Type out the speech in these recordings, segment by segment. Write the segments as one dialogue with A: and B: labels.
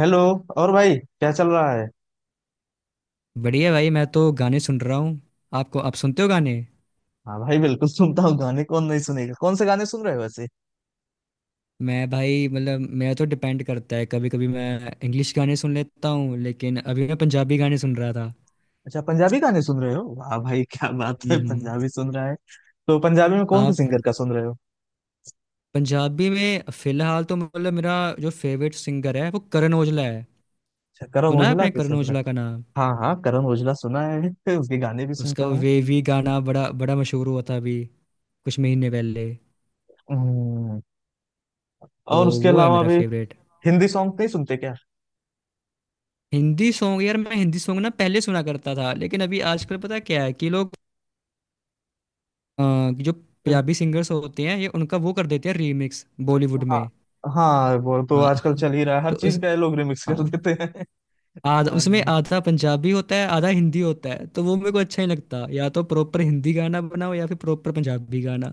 A: Hello. और भाई क्या चल रहा है?
B: बढ़िया भाई, मैं तो गाने सुन रहा हूँ। आपको, आप सुनते हो गाने?
A: हाँ भाई, बिल्कुल सुनता हूँ गाने। कौन नहीं सुनेगा? कौन से गाने सुन रहे हो वैसे?
B: मैं भाई, मतलब मेरा तो डिपेंड करता है। कभी कभी मैं इंग्लिश गाने सुन लेता हूँ, लेकिन अभी मैं पंजाबी गाने सुन रहा था।
A: अच्छा, पंजाबी गाने सुन रहे हो। वाह भाई, क्या बात है,
B: हम्म।
A: पंजाबी सुन रहा है। तो पंजाबी में कौन से
B: आप।
A: सिंगर का सुन रहे हो?
B: पंजाबी में फिलहाल तो मतलब मेरा जो फेवरेट सिंगर है, वो करण औजला है।
A: अच्छा करण
B: सुना है
A: ओजला
B: आपने
A: के
B: करण
A: सुन रहे।
B: औजला का नाम?
A: हो हाँ हाँ, करण ओजला सुना है। फिर उसके गाने भी
B: उसका
A: सुनता
B: वो
A: हूँ।
B: वेवी गाना बड़ा बड़ा मशहूर हुआ था अभी कुछ महीने पहले।
A: हम्म।
B: तो
A: और उसके
B: वो है
A: अलावा
B: मेरा
A: भी?
B: फेवरेट।
A: हिंदी सॉन्ग नहीं सुनते क्या?
B: हिंदी सॉन्ग यार, मैं हिंदी सॉन्ग ना पहले सुना करता था, लेकिन अभी आजकल पता क्या है कि लोग अ, जो पंजाबी सिंगर्स होते हैं, ये उनका वो कर देते हैं रीमिक्स बॉलीवुड में।
A: हाँ। हाँ वो तो आजकल
B: हाँ,
A: चल ही रहा है, हर
B: तो उस,
A: चीज का ये लोग रिमिक्स कर
B: हाँ
A: देते हैं।
B: आधा उसमें आधा पंजाबी होता है, आधा हिंदी होता है, तो वो मेरे को अच्छा ही लगता। या तो प्रॉपर हिंदी गाना बनाओ या फिर प्रॉपर पंजाबी गाना।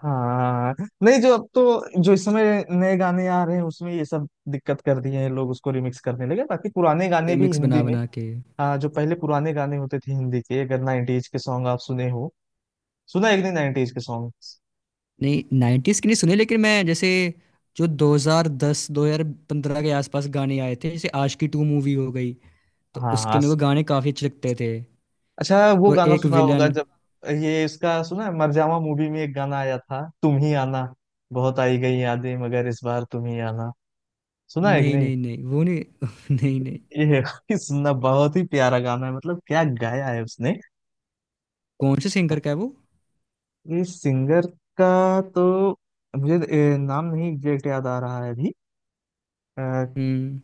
A: हाँ। नहीं, जो अब तो जो इस समय नए गाने आ रहे हैं उसमें ये सब दिक्कत कर दिए हैं, लोग उसको रिमिक्स करने लगे। बाकी पुराने गाने भी
B: रिमिक्स
A: हिंदी
B: बना
A: में।
B: बना के।
A: हाँ, जो पहले पुराने गाने होते थे हिंदी के, अगर 90s के सॉन्ग आप सुने हो। सुना एक दिन 90s के सॉन्ग।
B: नहीं, नाइन्टीज के नहीं सुने, लेकिन मैं जैसे जो 2010 2015 के आसपास गाने आए थे, जैसे आशिकी टू मूवी हो गई, तो
A: हाँ
B: उसके
A: हाँ।
B: मेरे को गाने काफी अच्छे लगते थे।
A: अच्छा, वो
B: और
A: गाना
B: एक
A: सुना होगा
B: विलन।
A: जब। ये इसका सुना है, मरजावा मूवी में एक गाना आया था, तुम ही आना। बहुत आई गई यादें मगर इस बार तुम ही आना। सुना है कि
B: नहीं
A: नहीं?
B: नहीं नहीं, वो नहीं। नहीं
A: ये
B: नहीं।
A: सुनना, बहुत ही प्यारा गाना है, मतलब क्या गाया है उसने।
B: कौन से सिंगर का है वो?
A: ये सिंगर का तो मुझे नाम नहीं एग्जैक्ट याद आ रहा है अभी अ,
B: हुँ।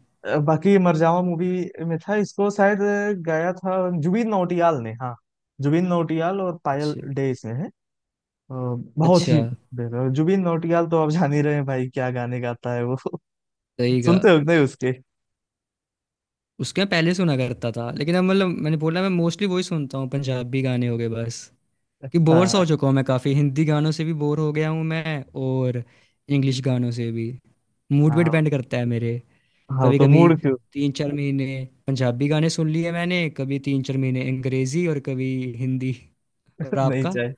A: बाकी मरजावा मूवी में था, इसको शायद गाया था जुबिन नौटियाल ने। हाँ। जुबिन नौटियाल और पायल
B: अच्छा।
A: डे इसमें है अ, बहुत
B: अच्छा।
A: ही बेहतर। जुबिन नौटियाल तो आप जान ही रहे हैं भाई, क्या गाने गाता है वो।
B: सही कहा।
A: सुनते हो कि नहीं उसके?
B: उसके मैं पहले सुना करता था, लेकिन अब, मतलब मैंने बोला, मैं मोस्टली वही सुनता हूँ, पंजाबी गाने हो गए बस। कि बोर सा हो
A: हाँ
B: चुका हूँ मैं काफ़ी, हिंदी गानों से भी बोर हो गया हूँ मैं, और इंग्लिश गानों से भी। मूड पे
A: हाँ
B: डिपेंड करता है मेरे।
A: हाँ, वो तो
B: कभी-कभी
A: मूड क्यों।
B: 3-4 महीने पंजाबी गाने सुन लिए मैंने, कभी 3-4 महीने अंग्रेज़ी, और कभी हिंदी। और
A: नहीं
B: आपका?
A: चाहिए।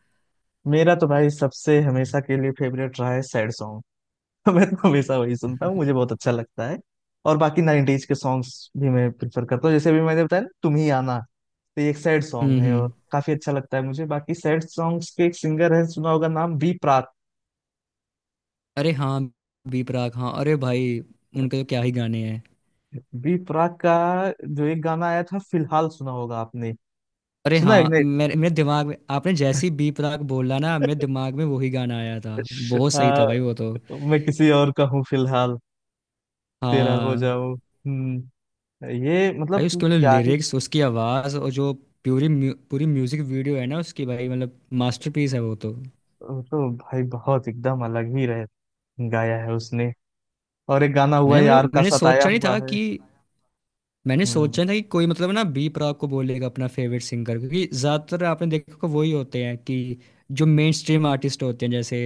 A: मेरा तो भाई सबसे हमेशा के लिए फेवरेट रहा है सैड सॉन्ग। मैं तो हमेशा वही सुनता हूँ, मुझे बहुत अच्छा लगता है। और बाकी 90s के सॉन्ग्स भी मैं प्रिफर करता हूँ, जैसे अभी मैंने बताया ना तुम ही आना। तो ये एक सैड सॉन्ग
B: हुँ,
A: है और
B: हुँ।
A: काफी अच्छा लगता है मुझे। बाकी सैड सॉन्ग्स के एक सिंगर है, सुना होगा नाम, बी प्राक।
B: अरे हाँ, बी प्राक, हाँ। अरे भाई, उनके तो क्या ही गाने हैं।
A: बी प्राक का जो एक गाना आया था फिलहाल, सुना होगा आपने?
B: अरे
A: सुना है कि
B: हाँ,
A: नहीं?
B: मेरे मेरे दिमाग में, आपने जैसी बी प्राक बोला ना, मेरे दिमाग में वही गाना आया था। बहुत सही
A: आ,
B: था भाई वो तो।
A: मैं किसी और का हूँ फिलहाल। तेरा हो
B: हाँ
A: जाऊं। हम्म। ये
B: भाई,
A: मतलब
B: उसके मतलब
A: क्या ही।
B: लिरिक्स, उसकी आवाज़, और जो पूरी म्यूजिक वीडियो है ना उसकी, भाई मतलब मास्टरपीस है वो तो।
A: तो भाई बहुत एकदम अलग ही रह गाया है उसने। और एक गाना हुआ
B: मैंने
A: है, यार
B: मतलब
A: का
B: मैंने
A: सताया
B: सोचा नहीं
A: हुआ
B: था
A: है।
B: कि मैंने
A: हम्म।
B: सोचा नहीं था कि कोई मतलब ना बी प्राक को बोलेगा अपना फेवरेट सिंगर, क्योंकि ज़्यादातर आपने देखा होगा वही होते हैं कि जो मेन स्ट्रीम आर्टिस्ट होते हैं, जैसे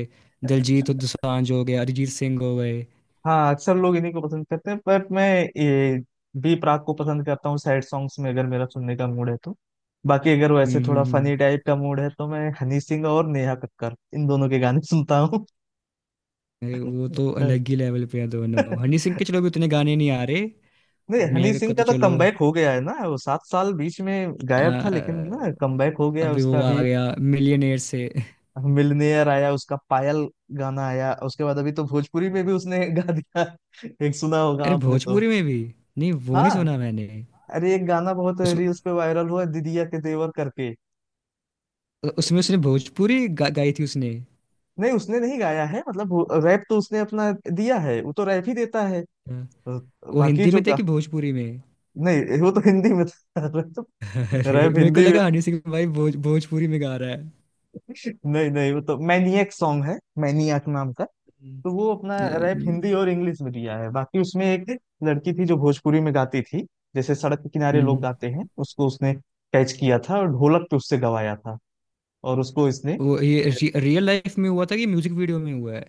B: दिलजीत दोसांझ हो गए, अरिजीत सिंह हो गए।
A: हाँ, अक्सर लोग इन्हीं को पसंद करते हैं बट मैं ये बी प्राक को पसंद करता हूँ सैड सॉन्ग्स में, अगर मेरा सुनने का मूड है तो। बाकी अगर वो ऐसे
B: हम्म
A: थोड़ा
B: हम्म, हम्म।
A: फनी टाइप का मूड है तो मैं हनी सिंह और नेहा कक्कर इन दोनों के गाने सुनता हूँ।
B: अरे वो तो
A: हाँ।
B: अलग ही लेवल पे है दोनों। हनी सिंह के चलो भी उतने गाने नहीं आ रहे,
A: नहीं,
B: बट नेहा
A: हनी सिंह
B: कक्कड़ तो
A: का तो
B: चलो
A: कमबैक हो गया है ना, वो सात साल बीच में
B: आ,
A: गायब था लेकिन ना, कमबैक हो गया
B: अभी
A: उसका
B: वो आ
A: अभी।
B: गया मिलियनेयर से।
A: मिलनेयर आया उसका, पायल गाना आया, उसके बाद अभी तो भोजपुरी में भी उसने गा दिया। एक सुना होगा
B: अरे
A: आपने तो।
B: भोजपुरी में भी? नहीं, वो नहीं
A: हाँ,
B: सुना मैंने।
A: अरे एक गाना बहुत
B: उसमें,
A: रील्स पे वायरल हुआ, दीदिया के देवर करके।
B: उसमें उसने गाई थी उसने।
A: नहीं, उसने नहीं गाया है मतलब। रैप तो उसने अपना दिया है, वो तो रैप ही देता है।
B: हाँ, वो
A: बाकी
B: हिंदी
A: जो
B: में थे
A: गा।
B: कि भोजपुरी में?
A: नहीं वो तो हिंदी में था। तो
B: अरे
A: रैप
B: मेरे को
A: हिंदी में।
B: लगा हनी सिंह भाई भोजपुरी में गा रहा है।
A: नहीं नहीं, वो तो मैनियक सॉन्ग है, मैनियक नाम का। तो वो अपना रैप
B: हम्म
A: हिंदी और इंग्लिश में दिया है, बाकी उसमें एक लड़की थी जो भोजपुरी में गाती थी। जैसे सड़क के किनारे लोग
B: हम्म,
A: गाते हैं, उसको उसने कैच किया था और ढोलक पे उससे गवाया था, और उसको इसने।
B: वो ये रियल लाइफ में हुआ था कि म्यूजिक वीडियो में हुआ है?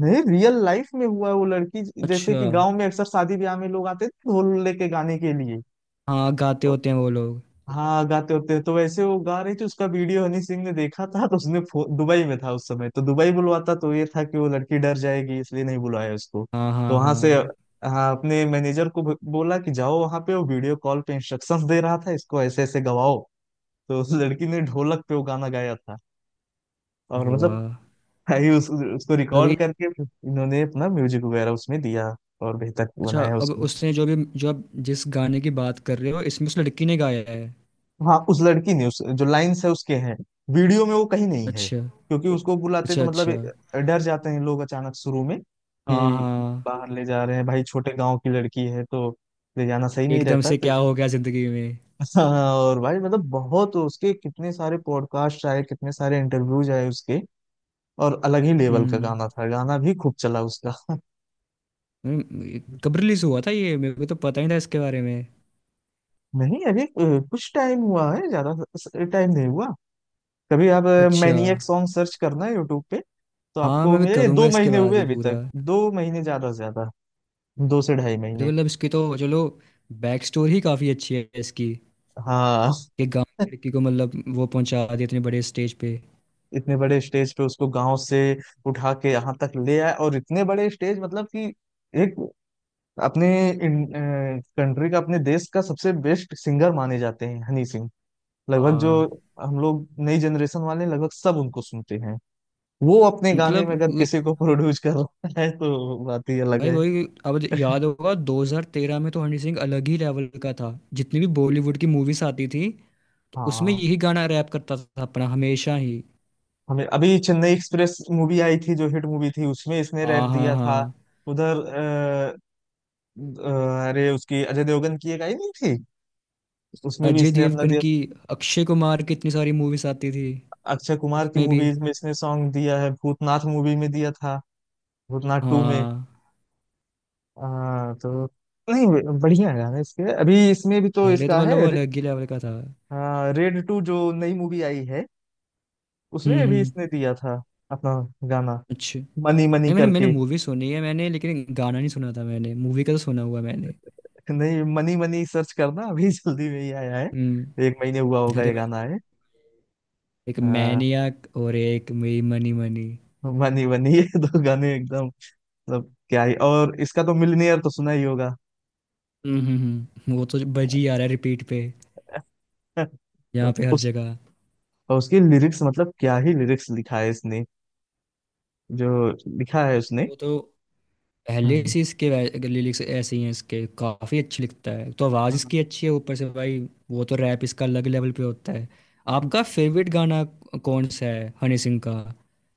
A: नहीं, रियल लाइफ में हुआ है। वो लड़की जैसे
B: अच्छा।
A: कि गांव में अक्सर शादी ब्याह में लोग आते थे ढोल लेके गाने के लिए।
B: हाँ, गाते
A: तो
B: होते हैं वो लोग।
A: हाँ, गाते होते हैं तो वैसे वो गा रही थी, उसका वीडियो हनी सिंह ने देखा था। तो उसने दुबई में था उस समय, तो दुबई बुलवाता तो ये था कि वो लड़की डर जाएगी, इसलिए नहीं बुलाया उसको।
B: हाँ
A: तो
B: हाँ
A: वहां
B: हाँ।
A: से हाँ, अपने मैनेजर को बोला कि जाओ वहां पे। वो वीडियो कॉल पे इंस्ट्रक्शंस दे रहा था इसको, ऐसे ऐसे गवाओ। तो उस लड़की ने ढोलक पे वो गाना गाया था और मतलब।
B: वाह।
A: भाई उसको
B: और अभी?
A: रिकॉर्ड करके फिर इन्होंने अपना म्यूजिक वगैरह उसमें दिया और बेहतर
B: अच्छा,
A: बनाया
B: अब
A: उसको।
B: उसने जो भी, जो आप जिस गाने की बात कर रहे हो, इसमें उस लड़की ने गाया है?
A: हाँ उस लड़की ने, उस जो लाइंस है उसके हैं, वीडियो में वो कहीं नहीं है
B: अच्छा,
A: क्योंकि उसको बुलाते
B: अच्छा,
A: तो मतलब
B: अच्छा।
A: डर जाते हैं लोग अचानक शुरू में
B: हाँ
A: कि
B: हाँ।
A: बाहर ले जा रहे हैं भाई, छोटे गांव की लड़की है तो, ले जाना सही नहीं
B: एकदम
A: रहता
B: से
A: तो।
B: क्या हो गया जिंदगी में।
A: हाँ और भाई मतलब बहुत, उसके कितने सारे पॉडकास्ट आए, कितने सारे इंटरव्यूज आए उसके, और अलग ही लेवल का
B: हम्म
A: गाना था, गाना भी खूब चला उसका।
B: कब रिलीज हुआ था ये? मेरे को तो पता ही था इसके बारे में।
A: नहीं अभी कुछ टाइम हुआ है, ज्यादा टाइम नहीं हुआ। कभी आप
B: अच्छा।
A: मैनिएक सॉन्ग सर्च करना यूट्यूब पे। तो
B: हाँ
A: आपको
B: मैं भी
A: मेरे, ये
B: करूँगा
A: दो
B: इसके
A: महीने
B: बाद
A: हुए
B: ही
A: अभी तक,
B: पूरा।
A: दो महीने ज्यादा से ज्यादा, दो से ढाई
B: अरे
A: महीने।
B: मतलब इसकी तो चलो बैक स्टोरी ही काफ़ी अच्छी है इसकी,
A: हाँ
B: कि गांव की लड़की को मतलब वो पहुंचा दिया इतने बड़े स्टेज पे।
A: इतने बड़े स्टेज पे उसको गांव से उठा के यहाँ तक ले आए, और इतने बड़े स्टेज, मतलब कि एक अपने कंट्री का, अपने देश का सबसे बेस्ट सिंगर माने जाते हैं हनी सिंह। लगभग जो
B: हाँ।
A: हम लोग नई जनरेशन वाले हैं, लगभग सब उनको सुनते हैं। वो अपने गाने
B: मतलब
A: में अगर किसी को प्रोड्यूस कर रहा है तो बात ही अलग
B: भाई
A: है।
B: वही, अब याद होगा 2013 में तो हनी सिंह अलग ही लेवल का था। जितनी भी बॉलीवुड की मूवीज आती थी, तो उसमें
A: हाँ,
B: यही गाना रैप करता था अपना हमेशा ही।
A: हमें अभी चेन्नई एक्सप्रेस मूवी आई थी जो हिट मूवी थी, उसमें इसने
B: आ
A: रैप
B: हाँ
A: दिया था।
B: हाँ।
A: उधर अरे उसकी अजय देवगन की एक आई नहीं थी, उसमें भी
B: अजय
A: इसने अपना
B: देवगन
A: दिया।
B: की, अक्षय कुमार की इतनी सारी मूवीज आती थी।
A: अक्षय कुमार की
B: उसमें भी।
A: मूवीज में इसने सॉन्ग दिया है, भूतनाथ मूवी में दिया था, भूतनाथ टू में
B: हाँ।
A: तो नहीं। बढ़िया गाने इसके। अभी इसमें भी तो
B: पहले तो
A: इसका
B: मतलब वो
A: है रे,
B: अलग ही लेवल का था।
A: रेड टू जो नई मूवी आई है, उसमें भी
B: हम्म।
A: इसने दिया था अपना गाना,
B: अच्छा,
A: मनी मनी
B: नहीं मैंने, मैंने
A: करके।
B: मूवी सुनी है मैंने, लेकिन गाना नहीं सुना था मैंने। मूवी का तो सुना हुआ मैंने।
A: नहीं, मनी मनी सर्च करना। अभी जल्दी में ही आया है,
B: हम्म।
A: एक महीने हुआ होगा
B: अरे
A: ये
B: मैं,
A: गाना है।
B: एक
A: हाँ,
B: मैनियाक, और एक मई मनी मनी।
A: मनी मनी, ये दो गाने एकदम मतलब क्या ही। और इसका तो मिलनियर तो सुना ही होगा।
B: हम्म हम्म, वो तो बज ही आ रहा है रिपीट पे, यहाँ
A: तो
B: पे हर
A: उस।
B: जगह।
A: और उसकी लिरिक्स मतलब क्या ही लिरिक्स लिखा है इसने, जो लिखा है उसने।
B: वो तो पहले
A: हम्म,
B: से इसके लिरिक्स ऐसे ही हैं इसके। काफ़ी अच्छी लिखता है, तो आवाज़
A: हाँ।
B: इसकी अच्छी है ऊपर से भाई। वो तो रैप इसका अलग लेवल पे होता है। आपका फेवरेट गाना कौन सा है हनी सिंह का?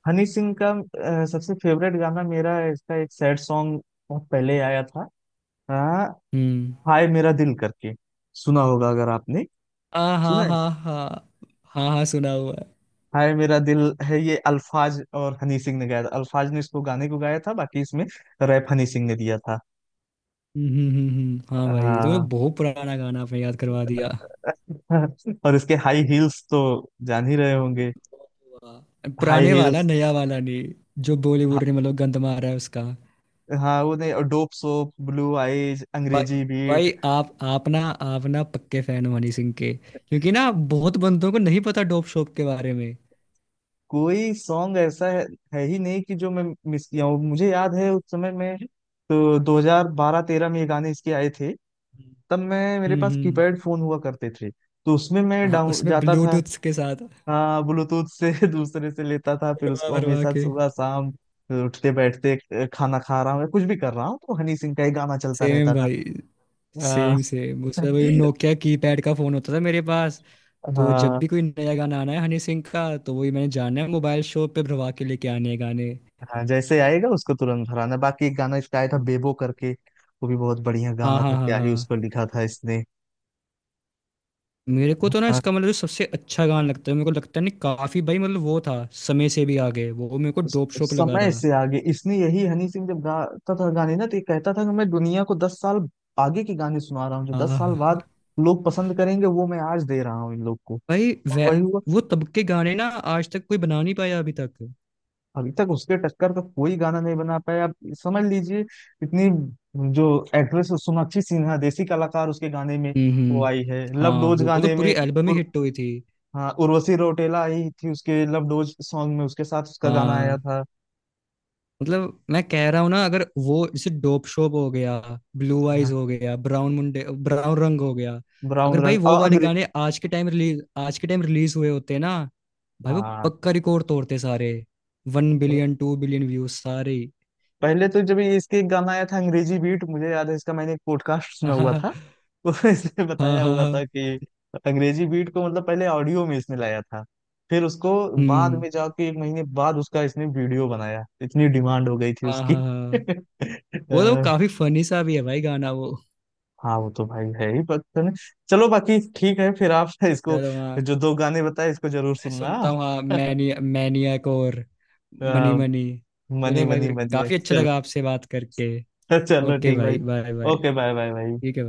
A: हनी सिंह का सबसे फेवरेट गाना मेरा है, इसका एक सैड सॉन्ग, बहुत पहले आया था हाँ,
B: हम्म।
A: हाय मेरा दिल करके सुना होगा अगर आपने,
B: आ हा
A: सुना है।
B: हा हा। हाँ हाँ, सुना हुआ है।
A: हाय मेरा दिल है ये, अल्फाज और हनी सिंह ने गाया था। अल्फाज ने इसको गाने को गाया था, बाकी इसमें रैप हनी सिंह ने दिया था।
B: हाँ भाई, तो ये
A: हाँ
B: बहुत पुराना गाना आपने याद करवा दिया।
A: और इसके हाई हील्स तो जान ही रहे होंगे।
B: वाह।
A: हाई
B: पुराने वाला?
A: हील्स।
B: नया वाला नहीं जो बॉलीवुड ने मतलब गंद मारा है उसका?
A: हाँ वो नहीं, और डोप सोप, ब्लू आइज,
B: भाई,
A: अंग्रेजी बीट।
B: भाई आप ना, आप ना पक्के फैन हो हनी सिंह के, क्योंकि ना बहुत बंदों को नहीं पता डोप शोप के बारे में।
A: कोई सॉन्ग ऐसा है ही नहीं कि जो मैं मिस किया हूँ। मुझे याद है उस समय में, तो 2012-13 में ये गाने इसके आए थे। तब मैं, मेरे पास
B: हम्म।
A: कीपैड फोन हुआ करते थे, तो उसमें मैं
B: हाँ,
A: डाउन
B: उसमें
A: जाता था।
B: ब्लूटूथ के साथ
A: हाँ, ब्लूटूथ से दूसरे से लेता था, फिर
B: भरवा
A: उसको
B: भरवा
A: हमेशा
B: के।
A: सुबह शाम उठते बैठते खाना खा रहा हूँ या कुछ भी कर रहा हूँ तो हनी सिंह का ही गाना चलता
B: सेम
A: रहता था
B: भाई, सेम
A: अ,
B: सेम। उसमें वही नोकिया कीपैड का फोन होता था मेरे पास। तो जब
A: हाँ
B: भी कोई नया गाना आना है हनी सिंह का, तो वही मैंने जाना है मोबाइल शॉप पे, भरवा के लेके आने हैं गाने।
A: हाँ, जैसे आएगा उसको तुरंत भराना। बाकी एक गाना इसका आया था बेबो करके, वो भी बहुत बढ़िया
B: हाँ
A: गाना
B: हाँ
A: था,
B: हाँ
A: क्या ही उसको
B: हाँ।
A: लिखा था इसने।
B: मेरे को तो ना इसका, मतलब जो सबसे अच्छा गाना लगता है मेरे को, लगता है नहीं, काफी भाई, मतलब वो था समय से भी आगे, वो मेरे को
A: स-
B: डोप शोप लगा
A: समय
B: था।
A: से आगे इसने, यही हनी सिंह जब गाता था गाने ना तो ये कहता था कि मैं दुनिया को 10 साल आगे के गाने सुना रहा हूँ, जो दस
B: आह।
A: साल बाद लोग पसंद करेंगे वो मैं आज दे रहा हूँ इन लोग को।
B: भाई
A: और
B: वे,
A: वही हुआ।
B: वो तब के गाने ना आज तक कोई बना नहीं पाया अभी तक।
A: अभी तक उसके टक्कर का कोई गाना नहीं बना पाया, आप समझ लीजिए। इतनी जो एक्ट्रेस सोनाक्षी सिन्हा, देसी कलाकार उसके गाने में, वो
B: हम्म।
A: आई है लव
B: हाँ,
A: डोज
B: वो तो
A: गाने
B: पूरी
A: में
B: एल्बम ही
A: उर,
B: हिट हुई थी।
A: हाँ, उर्वशी रौटेला आई थी उसके लव डोज सॉन्ग में, उसके साथ उसका गाना आया
B: हाँ
A: था।
B: मतलब मैं कह रहा हूँ ना, अगर वो जैसे डोप शोप हो गया, ब्लू आइज
A: हाँ,
B: हो गया, ब्राउन मुंडे, ब्राउन रंग हो गया,
A: ब्राउन
B: अगर भाई
A: रंग
B: वो
A: और
B: वाले
A: अंग्रेज।
B: गाने आज के टाइम रिलीज, आज के टाइम रिलीज हुए होते ना, भाई वो
A: हाँ,
B: पक्का रिकॉर्ड तोड़ते सारे। One billion, two billion views सारे।
A: पहले तो जब ये इसके एक गाना आया था अंग्रेजी बीट, मुझे याद है इसका, मैंने एक पॉडकास्ट सुना
B: हाँ
A: हुआ
B: हाँ
A: था। उसमें इसने
B: हाँ
A: बताया
B: हाँ
A: हुआ
B: हाँ,
A: था कि अंग्रेजी बीट को मतलब पहले ऑडियो में इसने लाया था, फिर उसको बाद
B: हम्म।
A: में जाके एक महीने बाद उसका इसने वीडियो बनाया, इतनी डिमांड हो गई थी
B: हाँ
A: उसकी।
B: हाँ हाँ, वो तो
A: अ,
B: काफी फनी सा भी है भाई गाना वो।
A: हाँ वो तो भाई है ही, पता नहीं। चलो बाकी ठीक है फिर आप इसको
B: चलो हाँ,
A: जो दो गाने बताए इसको जरूर
B: मैं
A: सुनना।
B: सुनता हूँ हाँ, मैनी मैनियक और
A: अ,
B: मनी मनी।
A: मनी
B: चलो भाई,
A: मनी
B: फिर
A: मनी
B: काफी अच्छा
A: चलो।
B: लगा आपसे बात करके।
A: चलो
B: ओके
A: ठीक भाई।
B: भाई, bye bye.
A: Okay bye bye भाई।
B: ठीक है भाई।